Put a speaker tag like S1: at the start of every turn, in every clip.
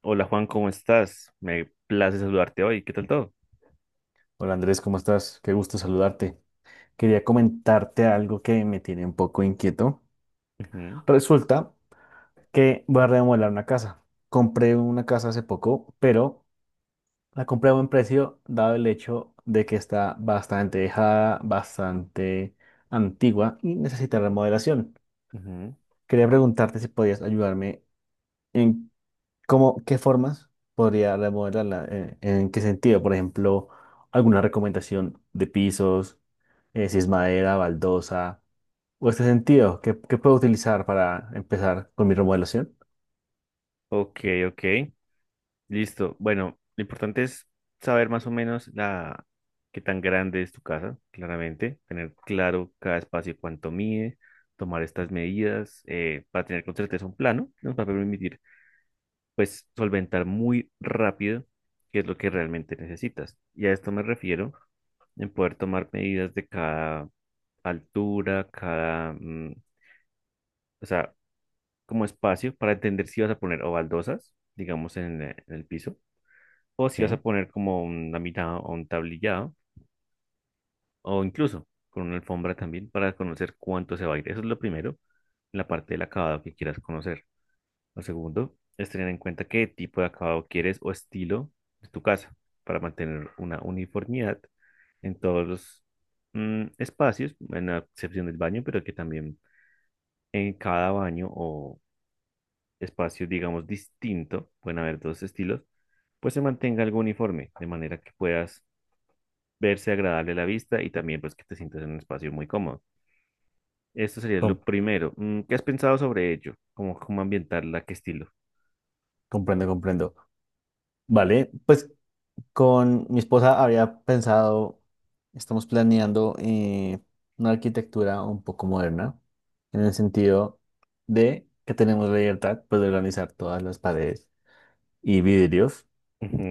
S1: Hola Juan, ¿cómo estás? Me place saludarte hoy. ¿Qué tal todo?
S2: Hola Andrés, ¿cómo estás? Qué gusto saludarte. Quería comentarte algo que me tiene un poco inquieto.
S1: Ujú,
S2: Resulta que voy a remodelar una casa. Compré una casa hace poco, pero la compré a buen precio dado el hecho de que está bastante dejada, bastante antigua y necesita remodelación.
S1: ujú.
S2: Quería preguntarte si podías ayudarme en ¿cómo, qué formas podría remodelarla? ¿En, qué sentido? Por ejemplo, alguna recomendación de pisos, si es madera, baldosa, o este sentido, ¿qué, qué puedo utilizar para empezar con mi remodelación?
S1: Ok, ok. Listo. Bueno, lo importante es saber más o menos la qué tan grande es tu casa, claramente, tener claro cada espacio y cuánto mide, tomar estas medidas para tener con certeza un plano que nos va a permitir pues solventar muy rápido qué es lo que realmente necesitas. Y a esto me refiero en poder tomar medidas de cada altura, cada, o sea, como espacio para entender si vas a poner o baldosas, digamos, en el piso, o si vas a
S2: Bien,
S1: poner como una mitad o un tablillado, o incluso con una alfombra también para conocer cuánto se va a ir. Eso es lo primero, la parte del acabado que quieras conocer. Lo segundo es tener en cuenta qué tipo de acabado quieres o estilo de tu casa para mantener una uniformidad en todos los espacios, en la excepción del baño, pero que también en cada baño o espacio, digamos, distinto, pueden haber dos estilos, pues se mantenga algo uniforme, de manera que puedas verse agradable a la vista y también pues que te sientas en un espacio muy cómodo. Esto sería lo
S2: com-
S1: primero. ¿Qué has pensado sobre ello? ¿Cómo, cómo ambientarla? ¿Qué estilo?
S2: comprendo, comprendo. Vale, pues con mi esposa había pensado, estamos planeando una arquitectura un poco moderna, en el sentido de que tenemos la libertad pues, de organizar todas las paredes y vidrios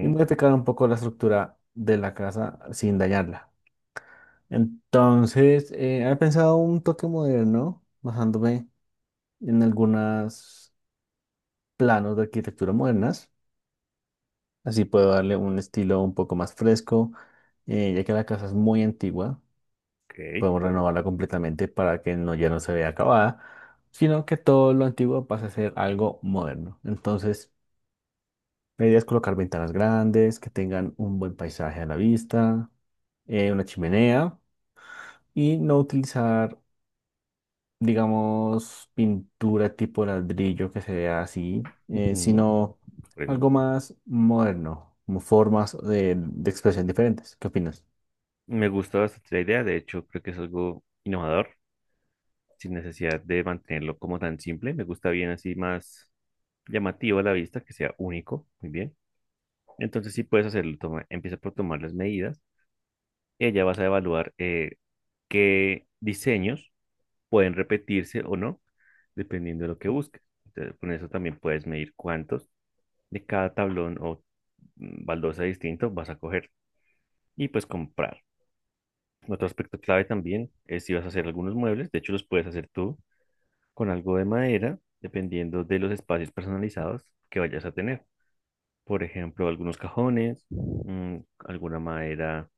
S2: y modificar un poco la estructura de la casa sin dañarla. Entonces, he pensado un toque moderno, basándome en algunos planos de arquitectura modernas. Así puedo darle un estilo un poco más fresco, ya que la casa es muy antigua.
S1: ok.
S2: Podemos renovarla completamente para que no, ya no se vea acabada, sino que todo lo antiguo pase a ser algo moderno. Entonces, la idea es colocar ventanas grandes, que tengan un buen paisaje a la vista, una chimenea. Y no utilizar, digamos, pintura tipo ladrillo que se vea así,
S1: Ujú,
S2: sino
S1: comprendo.
S2: algo más moderno, como formas de expresión diferentes. ¿Qué opinas?
S1: Me gusta bastante la idea, de hecho creo que es algo innovador, sin necesidad de mantenerlo como tan simple. Me gusta bien así más llamativo a la vista, que sea único. Muy bien. Entonces sí puedes hacerlo. Toma, empieza por tomar las medidas y allá vas a evaluar qué diseños pueden repetirse o no, dependiendo de lo que busques. Entonces, con eso también puedes medir cuántos de cada tablón o baldosa distinto vas a coger y pues comprar. Otro aspecto clave también es si vas a hacer algunos muebles, de hecho los puedes hacer tú con algo de madera, dependiendo de los espacios personalizados que vayas a tener. Por ejemplo, algunos cajones, alguna madera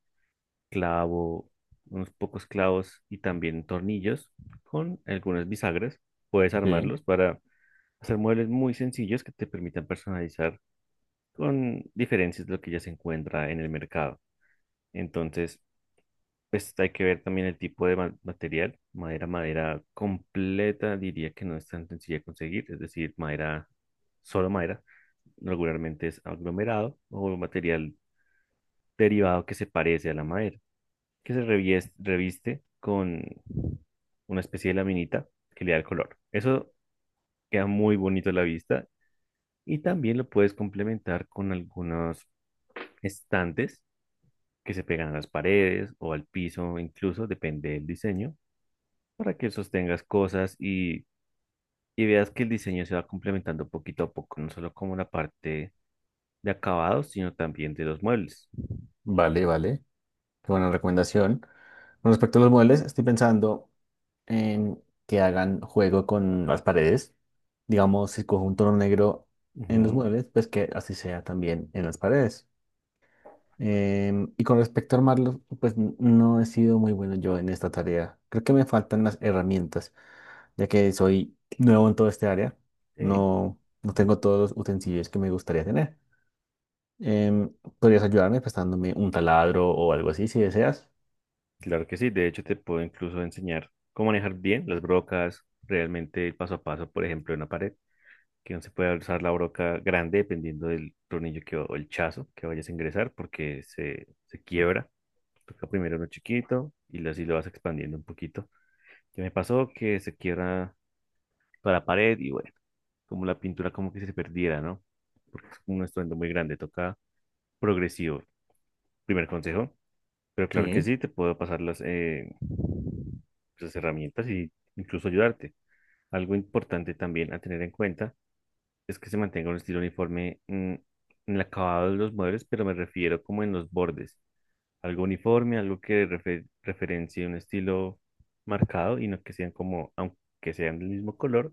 S1: clavo, unos pocos clavos y también tornillos con algunas bisagras. Puedes
S2: Sí,
S1: armarlos para hacer muebles muy sencillos que te permitan personalizar con diferencias de lo que ya se encuentra en el mercado. Entonces, pues hay que ver también el tipo de material. Madera, madera completa, diría que no es tan sencilla de conseguir, es decir, madera, solo madera. Regularmente es aglomerado o material derivado que se parece a la madera, que se reviste con una especie de laminita que le da el color. Eso queda muy bonito a la vista y también lo puedes complementar con algunos estantes que se pegan a las paredes o al piso, incluso depende del diseño, para que sostengas cosas y veas que el diseño se va complementando poquito a poco, no solo como la parte de acabados, sino también de los muebles.
S2: vale, vale. Qué buena recomendación. Con respecto a los muebles, estoy pensando en que hagan juego con las paredes. Digamos, si cojo un tono negro en los
S1: Ujú,
S2: muebles, pues que así sea también en las paredes. Y con respecto a armarlo, pues no he sido muy bueno yo en esta tarea. Creo que me faltan las herramientas, ya que soy nuevo en todo este área.
S1: ok.
S2: No tengo todos los utensilios que me gustaría tener. Em, ¿Podrías ayudarme prestándome un taladro o algo así si deseas?
S1: Claro que sí, de hecho te puedo incluso enseñar cómo manejar bien las brocas, realmente paso a paso, por ejemplo, en una pared, que no se puede usar la broca grande dependiendo del tornillo que, o el chazo que vayas a ingresar porque se quiebra. Toca primero uno chiquito y así lo vas expandiendo un poquito. Ya me pasó que se quiebra toda la pared y bueno, como la pintura como que se perdiera, ¿no? Porque es un estruendo muy grande, toca progresivo. Primer consejo. Pero claro que
S2: Sí.
S1: sí, te puedo pasar las herramientas y incluso ayudarte. Algo importante también a tener en cuenta es que se mantenga un estilo uniforme en el acabado de los muebles, pero me refiero como en los bordes. Algo uniforme, algo que referencie un estilo marcado y no que sean como, aunque sean del mismo color,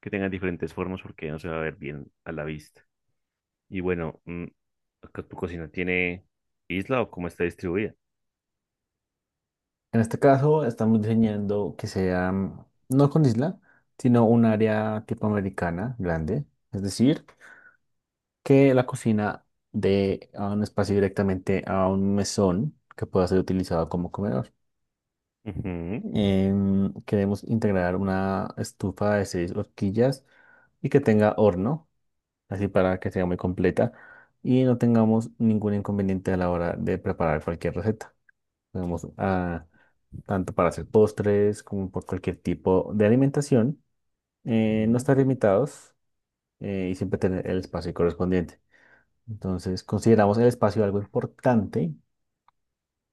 S1: que tengan diferentes formas porque no se va a ver bien a la vista. Y bueno, ¿tu cocina tiene isla o cómo está distribuida?
S2: En este caso, estamos diseñando que sea no con isla, sino un área tipo americana grande. Es decir, que la cocina de a un espacio directamente a un mesón que pueda ser utilizado como comedor.
S1: Ujú,
S2: Queremos integrar una estufa de seis horquillas y que tenga horno, así para que sea muy completa y no tengamos ningún inconveniente a la hora de preparar cualquier receta. Tenemos ah, tanto para hacer postres como por cualquier tipo de alimentación. No
S1: ujú.
S2: estar limitados y siempre tener el espacio correspondiente. Entonces, consideramos el espacio algo importante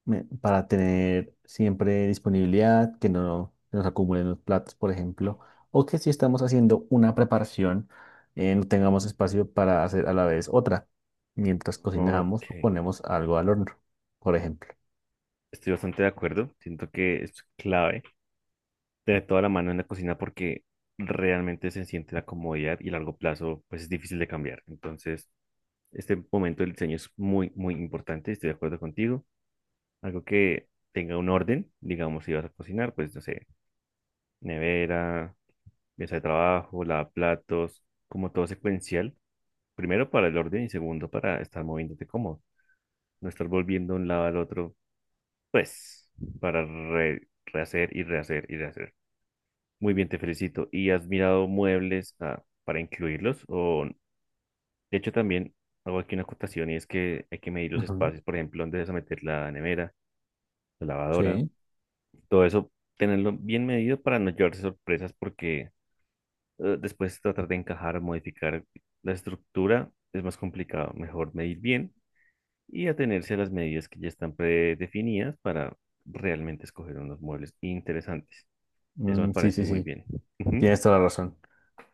S2: para tener siempre disponibilidad, que no se nos acumulen los platos, por ejemplo, o que si estamos haciendo una preparación, no tengamos espacio para hacer a la vez otra, mientras
S1: Ok,
S2: cocinamos o ponemos algo al horno, por ejemplo.
S1: estoy bastante de acuerdo. Siento que es clave tener toda la mano en la cocina porque realmente se siente la comodidad y a largo plazo pues es difícil de cambiar. Entonces, este momento del diseño es muy, muy importante. Estoy de acuerdo contigo. Algo que tenga un orden, digamos, si vas a cocinar, pues no sé, nevera, mesa de trabajo, lavaplatos, como todo secuencial. Primero para el orden y segundo para estar moviéndote cómodo. No estar volviendo de un lado al otro. Pues, para rehacer y rehacer y rehacer. Muy bien, te felicito. ¿Y has mirado muebles para incluirlos? O, de hecho, también hago aquí una acotación y es que hay que medir los
S2: Ujú.
S1: espacios, por ejemplo, dónde vas a meter la nevera, la lavadora,
S2: Sí,
S1: todo eso, tenerlo bien medido para no llevarse sorpresas porque después tratar de encajar, modificar la estructura es más complicado. Mejor medir bien y atenerse a las medidas que ya están predefinidas para realmente escoger unos muebles interesantes. Eso me
S2: mm, sí,
S1: parece
S2: sí,
S1: muy
S2: sí,
S1: bien. Ujú,
S2: tienes toda la razón.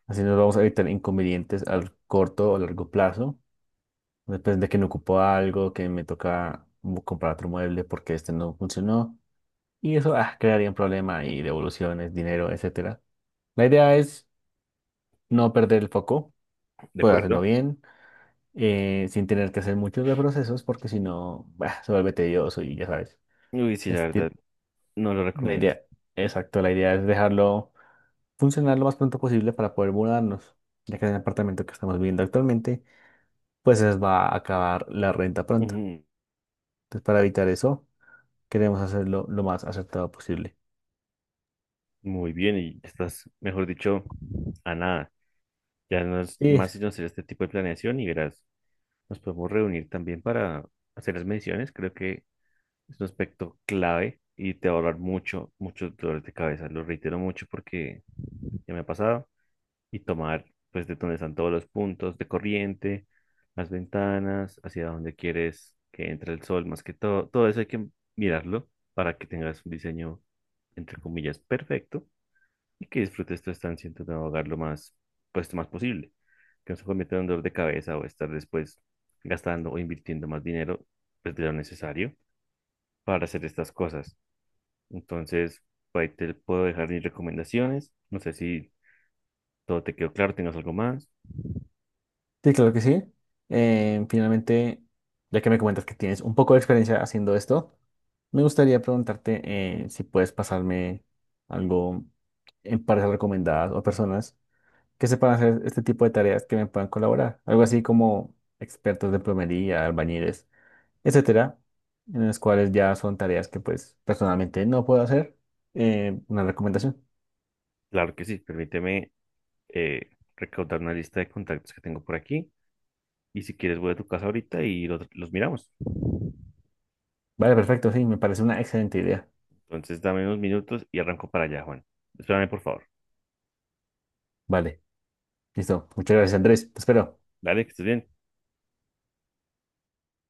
S2: Así nos vamos a evitar inconvenientes al corto o largo plazo. Después de que me ocupó algo, que me toca comprar otro mueble porque este no funcionó. Y eso ah, crearía un problema y devoluciones, dinero, etcétera. La idea es no perder el foco,
S1: ¿de
S2: poder hacerlo
S1: acuerdo?
S2: bien, sin tener que hacer muchos de procesos porque si no, bah, se vuelve tedioso y ya sabes.
S1: Uy, sí, la
S2: Este
S1: verdad,
S2: tipo,
S1: no lo
S2: la
S1: recomiendo.
S2: idea, exacto, la idea es dejarlo funcionar lo más pronto posible para poder mudarnos, ya que en el apartamento que estamos viviendo actualmente, pues se les va a acabar la renta pronto.
S1: Ujú,
S2: Entonces, para evitar eso queremos hacerlo lo más acertado posible.
S1: muy bien, y estás, mejor dicho, a nada. Ya no es
S2: Sí,
S1: más sino hacer este tipo de planeación y verás, nos podemos reunir también para hacer las mediciones. Creo que es un aspecto clave y te va a ahorrar mucho, muchos dolores de cabeza. Lo reitero mucho porque ya me ha pasado y tomar pues de donde están todos los puntos de corriente, las ventanas, hacia donde quieres que entre el sol, más que todo, todo eso hay que mirarlo para que tengas un diseño entre comillas perfecto y que disfrutes tu estancia en tu nuevo hogar lo más pues lo más posible, que no se convierta en un dolor de cabeza o estar después gastando o invirtiendo más dinero pues de lo necesario para hacer estas cosas. Entonces, por ahí te puedo dejar mis recomendaciones, no sé si todo te quedó claro, tengas algo más.
S2: sí, claro que sí. Finalmente, ya que me comentas que tienes un poco de experiencia haciendo esto, me gustaría preguntarte si puedes pasarme algo en parejas recomendadas o personas que sepan hacer este tipo de tareas que me puedan colaborar. Algo así como expertos de plomería, albañiles, etcétera, en las cuales ya son tareas que pues personalmente no puedo hacer. Una recomendación.
S1: Claro que sí, permíteme eh, recaudar una lista de contactos que tengo por aquí y si quieres voy a tu casa ahorita y los miramos.
S2: Vale, perfecto, sí, me parece una excelente idea.
S1: Entonces dame unos minutos y arranco para allá, Juan. Espérame, por favor.
S2: Vale. Listo. Muchas gracias, Andrés. Te espero.
S1: Dale, que estés bien.